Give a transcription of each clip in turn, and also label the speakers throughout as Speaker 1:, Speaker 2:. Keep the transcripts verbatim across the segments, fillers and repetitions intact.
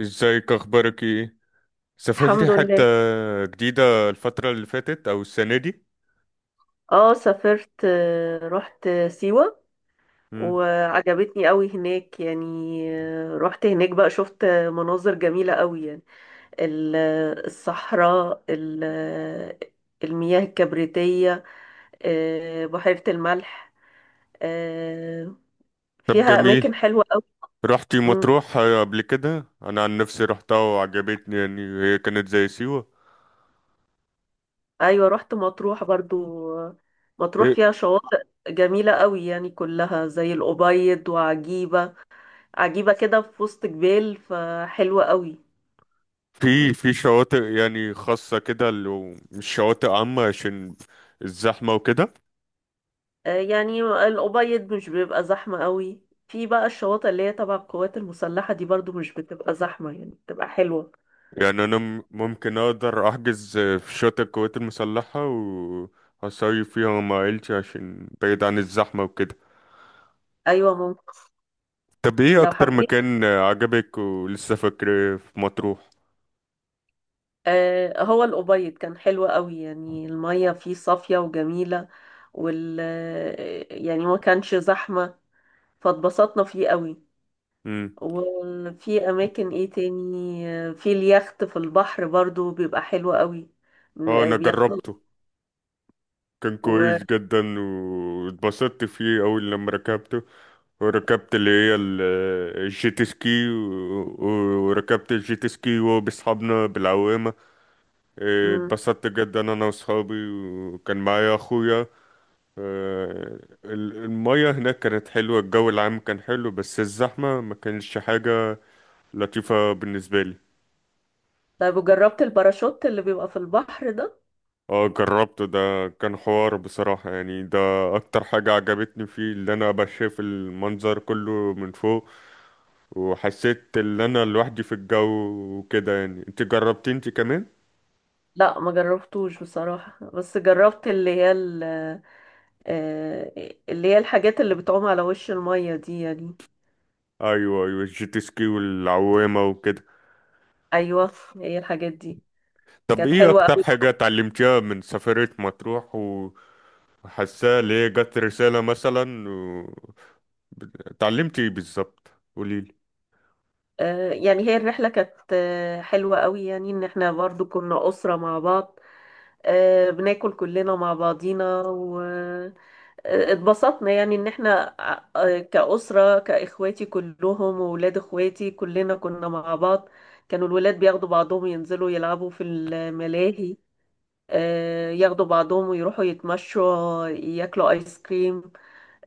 Speaker 1: ازيك، اخبارك ايه؟ سافرتي
Speaker 2: الحمد
Speaker 1: حتة
Speaker 2: لله.
Speaker 1: جديدة الفترة اللي فاتت او السنة دي؟
Speaker 2: اه، سافرت، آه، رحت سيوة
Speaker 1: مم.
Speaker 2: وعجبتني قوي هناك يعني. آه، رحت هناك بقى، شفت مناظر جميلة قوي يعني. ال- الصحراء، ال- المياه الكبريتية، آه، بحيرة الملح. آه،
Speaker 1: طب
Speaker 2: فيها أماكن
Speaker 1: جميل.
Speaker 2: حلوة قوي.
Speaker 1: رحتي
Speaker 2: مم.
Speaker 1: مطروح قبل كده؟ انا عن نفسي رحتها وعجبتني، يعني هي كانت زي سيوة.
Speaker 2: أيوة، رحت مطروح برضو. آه، مطروح
Speaker 1: إيه،
Speaker 2: فيها شواطئ جميلة قوي يعني، كلها زي الأبيض، وعجيبة عجيبة كده في وسط جبال، فحلوة قوي.
Speaker 1: في في شواطئ يعني خاصة كده، لو مش شواطئ عامة عشان الزحمة وكده؟
Speaker 2: آه، يعني الأبيض مش بيبقى زحمة قوي. في بقى الشواطئ اللي هي تبع القوات المسلحة دي برضو مش بتبقى زحمة، يعني بتبقى حلوة.
Speaker 1: يعني انا م- ممكن اقدر احجز في شاطئ القوات المسلحة، وهصيف فيها مع عيلتي عشان بعيد عن الزحمة وكده.
Speaker 2: أيوة ممكن،
Speaker 1: طب ايه
Speaker 2: لو
Speaker 1: اكتر
Speaker 2: حبيت.
Speaker 1: مكان عجبك ولسه فاكره في مطروح؟
Speaker 2: آه، هو الأبيض كان حلو قوي، يعني المية فيه صافية وجميلة، وال آه، يعني ما كانش زحمة، فاتبسطنا فيه قوي.
Speaker 1: امم.
Speaker 2: وفي أماكن إيه تاني؟ آه، في اليخت، في البحر برضو بيبقى حلو قوي.
Speaker 1: اه،
Speaker 2: بن-
Speaker 1: انا
Speaker 2: بياخدوا.
Speaker 1: جربته. كان كويس جدا واتبسطت فيه اول لما ركبته، وركبت اللي هي ال- الجيت سكي، و- و- وركبت الجيت سكي وهو بأصحابنا بالعوامة. إيه،
Speaker 2: مم.
Speaker 1: اتبسطت جدا انا واصحابي، وكان معايا اخويا. آه، ال- المية هناك كانت حلوة، الجو العام كان حلو، بس الزحمة ما كانش حاجة لطيفة بالنسبة لي.
Speaker 2: طيب، وجربت الباراشوت اللي بيبقى في البحر ده؟
Speaker 1: اه، جربته. ده كان حوار بصراحة، يعني ده اكتر حاجة عجبتني فيه، اللي انا بشاف المنظر كله من فوق، وحسيت ان انا لوحدي في الجو وكده. يعني انت جربتي انت كمان؟
Speaker 2: لا، ما جربتوش بصراحة، بس جربت اللي هي ال- آه، اللي هي الحاجات اللي بتعوم على وش المية دي يعني.
Speaker 1: ايوه، ايوه، الجيت سكي والعوامة وكده.
Speaker 2: ايوه، هي الحاجات دي.
Speaker 1: طب
Speaker 2: كانت
Speaker 1: ايه
Speaker 2: حلوة
Speaker 1: اكتر
Speaker 2: قوي.
Speaker 1: حاجة اتعلمتيها من سفرية مطروح، وحاساها اللي هي جت رسالة مثلا و اتعلمتي ايه بالظبط، قوليلي؟
Speaker 2: آه، يعني هي الرحلة كانت آه، حلوة قوي، يعني ان احنا برضو كنا أسرة مع بعض. آه، بناكل كلنا مع بعضينا، اتبسطنا. يعني ان احنا ع- كأسرة، كإخواتي كلهم وولاد اخواتي، كلنا كنا مع بعض. كانوا الولاد بياخدوا بعضهم، ينزلوا يلعبوا في الملاهي، آه، ياخدوا بعضهم ويروحوا يتمشوا، ياكلوا ايس كريم.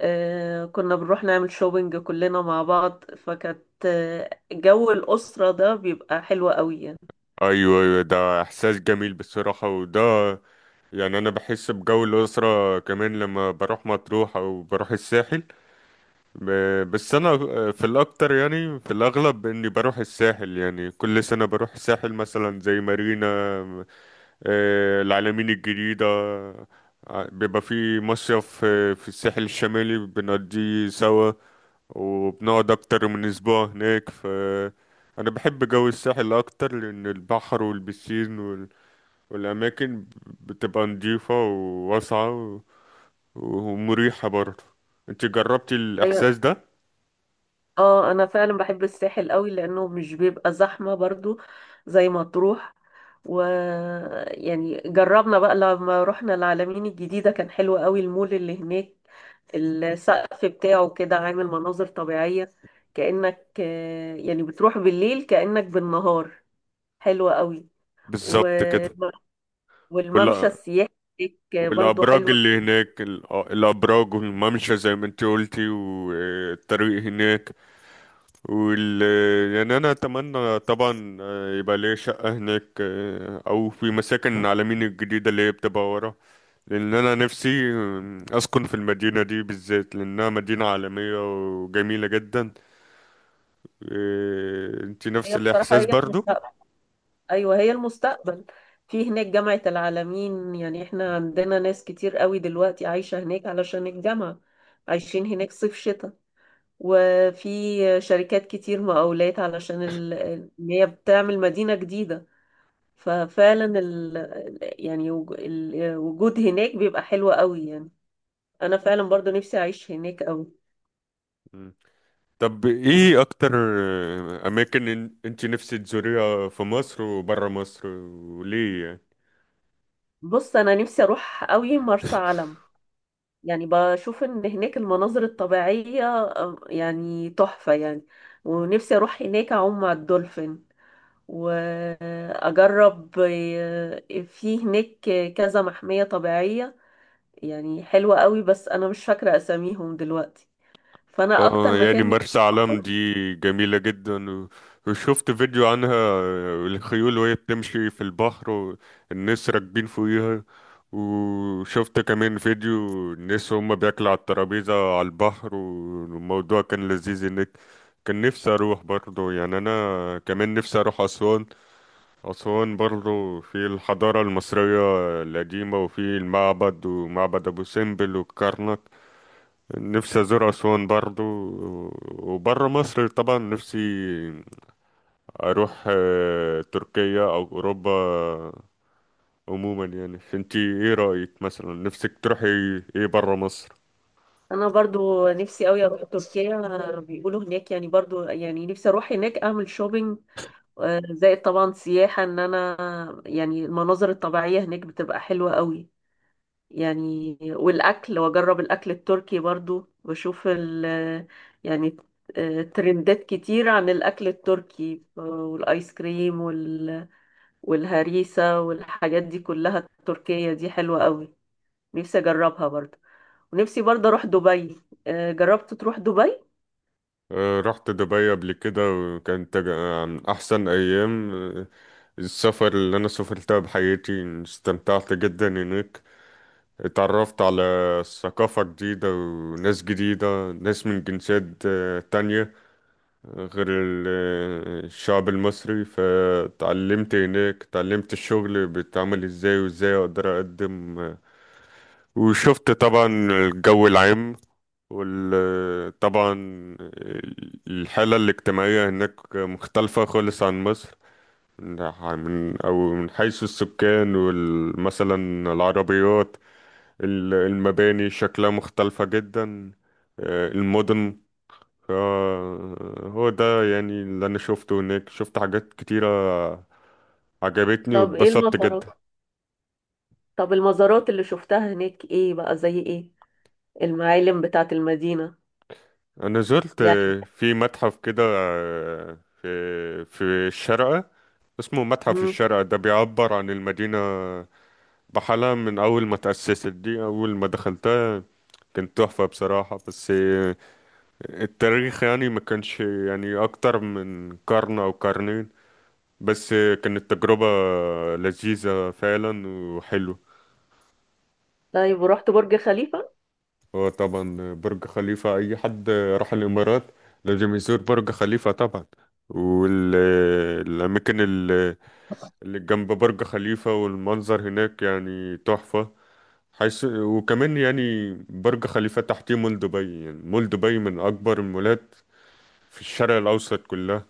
Speaker 2: آه، كنا بنروح نعمل شوبينج كلنا مع بعض، فكانت آه، جو الأسرة ده بيبقى حلو قوي يعني.
Speaker 1: ايوه، ايوه، ده احساس جميل بصراحة، وده يعني انا بحس بجو الاسره كمان لما بروح مطروح او بروح الساحل. ب- بس انا في الاكتر، يعني في الاغلب اني بروح الساحل، يعني كل سنه بروح الساحل مثلا زي مارينا، آه، العلمين الجديده. ع- بيبقى في مصيف، آه، في الساحل الشمالي بنقضيه سوا، وبنقعد اكتر من اسبوع هناك. ف انا بحب جو الساحل اكتر لان البحر والبسين والأماكن بتبقى نضيفة وواسعة و- ومريحة برضه. انت جربتي
Speaker 2: أيوة.
Speaker 1: الإحساس ده؟
Speaker 2: اه، انا فعلا بحب الساحل قوي لانه مش بيبقى زحمة برضو، زي مطروح. و يعني جربنا بقى لما رحنا العلمين الجديدة، كان حلو قوي المول اللي هناك، السقف بتاعه كده عامل مناظر طبيعية، كأنك آه، يعني بتروح بالليل كأنك بالنهار. حلوة قوي. و...
Speaker 1: بالظبط كده،
Speaker 2: والممشى
Speaker 1: ولا؟
Speaker 2: السياحي هناك برضو
Speaker 1: والأبراج
Speaker 2: حلوة
Speaker 1: اللي
Speaker 2: جدا.
Speaker 1: هناك الأ- الأبراج والممشى زي ما انت قلتي، والطريق هناك وال يعني أنا أتمنى طبعا آه، يبقى ليا شقة هناك، آه، أو في مساكن العالمين الجديدة اللي هي بتبقى ورا، لأن أنا نفسي آه، أسكن في المدينة دي بالذات، لأنها مدينة عالمية وجميلة جدا. إيه، انت نفس
Speaker 2: هي بصراحة،
Speaker 1: الاحساس
Speaker 2: هي
Speaker 1: برضو؟
Speaker 2: ايوه هي المستقبل. في هناك جامعة العالمين، يعني احنا عندنا ناس كتير قوي دلوقتي عايشة هناك علشان الجامعة. عايشين هناك صيف شتاء. وفي شركات كتير مقاولات علشان ال... ان هي بتعمل مدينة جديدة. ففعلا ال... يعني وج- الوجود هناك بيبقى حلو قوي يعني. انا فعلا برضو نفسي اعيش هناك قوي.
Speaker 1: مم. طب ايه اكتر آه، اماكن إن- انت نفسك تزوريها في مصر وبره مصر، وليه يعني؟
Speaker 2: بص، انا نفسي اروح قوي مرسى علم، يعني بشوف ان هناك المناظر الطبيعية آه، يعني تحفة يعني. ونفسي اروح هناك اعوم مع الدولفين، واجرب آه، في هناك كذا محمية طبيعية، يعني حلوة قوي. بس انا مش فاكرة اساميهم دلوقتي. فانا اكتر
Speaker 1: اه، يعني
Speaker 2: مكان
Speaker 1: مرسى
Speaker 2: نفسي
Speaker 1: علم
Speaker 2: أروحه-
Speaker 1: دي جميلة جدا، و- وشفت فيديو عنها، آه، الخيول وهي بتمشي في البحر والناس راكبين فوقيها. وشفت كمان فيديو، الناس هم بياكلوا على الترابيزة على البحر، والموضوع كان لذيذ هناك. كان نفسي اروح برضه. يعني انا كمان نفسي اروح اسوان، اسوان برضه في الحضارة المصرية القديمة، وفي المعبد ومعبد ابو سمبل والكرنك. نفسي ازور اسوان برضو. وبره مصر طبعا نفسي اروح آه، تركيا او اوروبا عموما. يعني انتي ايه رايك؟ مثلا نفسك تروحي ايه بره مصر؟
Speaker 2: انا برضو نفسي قوي اروح تركيا. آه، بيقولوا هناك يعني برضو، يعني نفسي اروح هناك اعمل شوبينج، آه، زائد طبعا سياحة. ان انا يعني المناظر الطبيعية هناك بتبقى حلوة قوي يعني، والأكل. وأجرب الأكل التركي برضو، وأشوف ال يعني آه، ترندات كتير عن الأكل التركي. آه، والآيس كريم وال... والهريسة والحاجات دي كلها، التركية دي حلوة قوي. نفسي أجربها برضو. ونفسي برضو أروح دبي. آه، جربت تروح دبي؟
Speaker 1: آه، رحت دبي قبل كده، وكانت تج- عن احسن ايام آه، السفر اللي انا سافرتها بحياتي. استمتعت جدا هناك، اتعرفت على ثقافة جديدة وناس جديدة، ناس من جنسيات آه، تانية غير ال- الشعب المصري. فتعلمت هناك، تعلمت الشغل بيتعمل ازاي، وازاي اقدر اقدم. وشفت طبعا الجو العام، وطبعا الحالة الاجتماعية هناك مختلفة خالص عن مصر، من أو من حيث السكان، ومثلا العربيات، ال- المباني شكلها مختلفة جدا، آه، المدن. فهو ده يعني اللي انا شفته هناك، شفت حاجات كتيرة عجبتني،
Speaker 2: طب إيه
Speaker 1: واتبسطت
Speaker 2: المزارات؟
Speaker 1: جدا.
Speaker 2: طب، المزارات اللي شفتها هناك إيه بقى، زي إيه؟ المعالم بتاعت المدينة
Speaker 1: انا زرت
Speaker 2: يعني.
Speaker 1: في متحف كده، في في الشارقة، اسمه متحف
Speaker 2: مم.
Speaker 1: الشارقة. ده بيعبر عن المدينة بحالها من اول ما تأسست. دي اول ما دخلتها، كانت تحفة بصراحة، بس التاريخ يعني ما كانش يعني اكتر من قرن او قرنين. بس كانت تجربة لذيذة فعلا وحلوة.
Speaker 2: طيب، ورحت برج خليفة؟
Speaker 1: هو طبعا برج خليفة، أي حد راح الإمارات لازم يزور برج خليفة طبعا، والأماكن اللي جنب برج خليفة والمنظر هناك يعني تحفة، حيث وكمان يعني برج خليفة تحتيه مول دبي. يعني مول دبي من أكبر المولات في الشرق الأوسط كلها.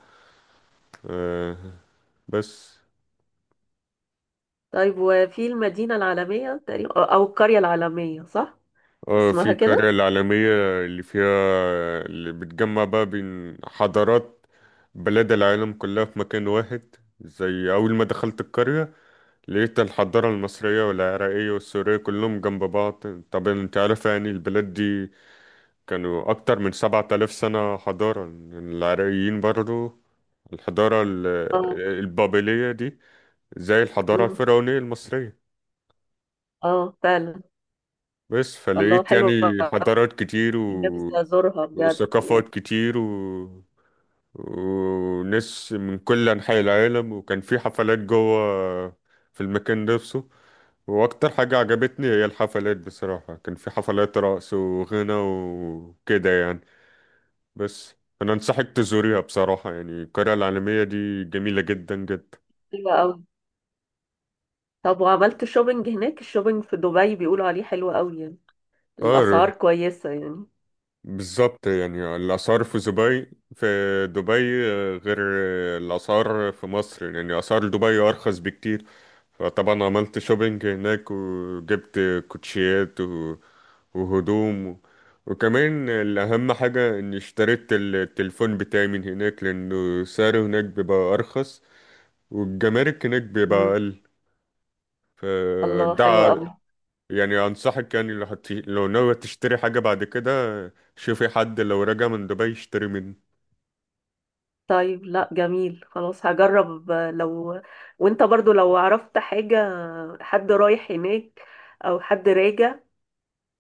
Speaker 1: آه، بس
Speaker 2: طيب، وفي المدينة العالمية تقريبا، أو أو القرية العالمية، صح؟
Speaker 1: آه، في
Speaker 2: اسمها
Speaker 1: القرية
Speaker 2: كده.
Speaker 1: العالمية، اللي فيها، اللي بتجمع بقى بين حضارات بلاد العالم كلها في مكان واحد. زي أول ما دخلت القرية لقيت الحضارة المصرية والعراقية والسورية كلهم جنب بعض. طبعا انت عارف يعني البلاد دي كانوا أكتر من سبعة آلاف سنة حضارة، يعني العراقيين برضو الحضارة ال-
Speaker 2: اه.
Speaker 1: البابلية دي زي الحضارة
Speaker 2: أمم.
Speaker 1: الفرعونية المصرية.
Speaker 2: اه فعلا.
Speaker 1: بس
Speaker 2: الله،
Speaker 1: فلقيت يعني
Speaker 2: حلوة.
Speaker 1: حضارات كتير
Speaker 2: نفسي أزورها بجد
Speaker 1: وثقافات
Speaker 2: يعني.
Speaker 1: كتير و... وناس من كل أنحاء العالم، وكان في حفلات جوه في المكان نفسه. وأكتر حاجة عجبتني هي الحفلات بصراحة، كان في حفلات رقص وغنى وكده يعني. بس أنا أنصحك تزوريها بصراحة، يعني القرية العالمية دي جميلة جدا جدا.
Speaker 2: حلوة أوي. طب، وعملت شوبينج هناك؟ الشوبينج في دبي بيقولوا عليه حلو أوي يعني، الأسعار
Speaker 1: اه،
Speaker 2: كويسة يعني.
Speaker 1: بالظبط، يعني الآثار في دبي في دبي غير الآثار في مصر، يعني آثار دبي أرخص بكتير. طبعا عملت شوبينج هناك وجبت كوتشيات و- وهدوم و- وكمان الأهم حاجة إني اشتريت ال- التليفون بتاعي من هناك، لأنه سعره هناك بيبقى أرخص والجمارك هناك بيبقى
Speaker 2: أمم.
Speaker 1: أقل.
Speaker 2: الله،
Speaker 1: فده
Speaker 2: حلوة
Speaker 1: ع-
Speaker 2: أوي.
Speaker 1: يعني أنصحك، يعني لو هت... لو ناوي تشتري حاجة بعد كده، شوفي حد لو راجع من دبي يشتري منه.
Speaker 2: طيب، لا، جميل، خلاص هجرب. آه، لو وانت برضو لو عرفت حاجة، حد رايح هناك، أو حد راجع،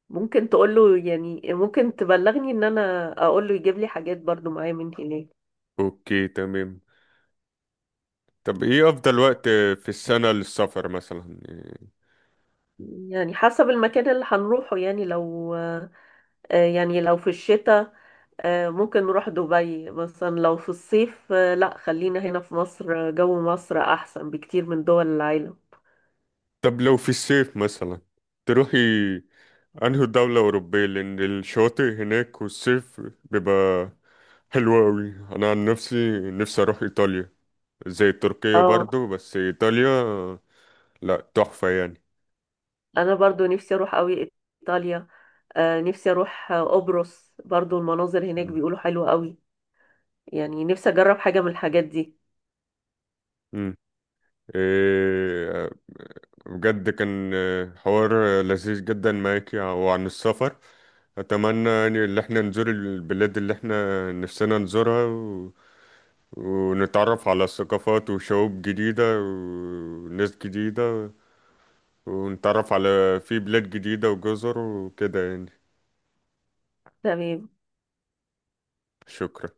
Speaker 2: ممكن تقوله، يعني ممكن تبلغني ان انا اقوله يجيب لي حاجات برضو معايا من هناك.
Speaker 1: أوكي، تمام. طب إيه أفضل وقت في السنة للسفر مثلا؟
Speaker 2: يعني حسب المكان اللي هنروحه يعني، لو آه، يعني لو في الشتاء، آه، ممكن نروح دبي مثلا. لو في الصيف، آه، لا، خلينا هنا في مصر. آه، جو مصر احسن بكتير من دول العالم.
Speaker 1: طب لو في الصيف مثلا تروحي انهي دولة أوروبية؟ لأن الشواطئ هناك والصيف بيبقى حلو أوي. أنا عن نفسي نفسي أروح إيطاليا، زي تركيا
Speaker 2: اه،
Speaker 1: برضو، بس إيطاليا لأ، تحفة يعني.
Speaker 2: انا برضو نفسي اروح قوي ايطاليا. آه، نفسي اروح آه، قبرص برضو، المناظر هناك
Speaker 1: مم.
Speaker 2: بيقولوا حلوة قوي. يعني نفسي اجرب حاجة من الحاجات دي.
Speaker 1: مم. إيه، بجد كان آه، حوار آه، لذيذ جدا معاك، وعن السفر أتمنى يعني إن احنا نزور البلاد اللي احنا نفسنا نزورها و... ونتعرف على ثقافات وشعوب جديدة وناس جديدة، ونتعرف على في بلاد جديدة وجزر وكده يعني.
Speaker 2: تمام.
Speaker 1: شكرا.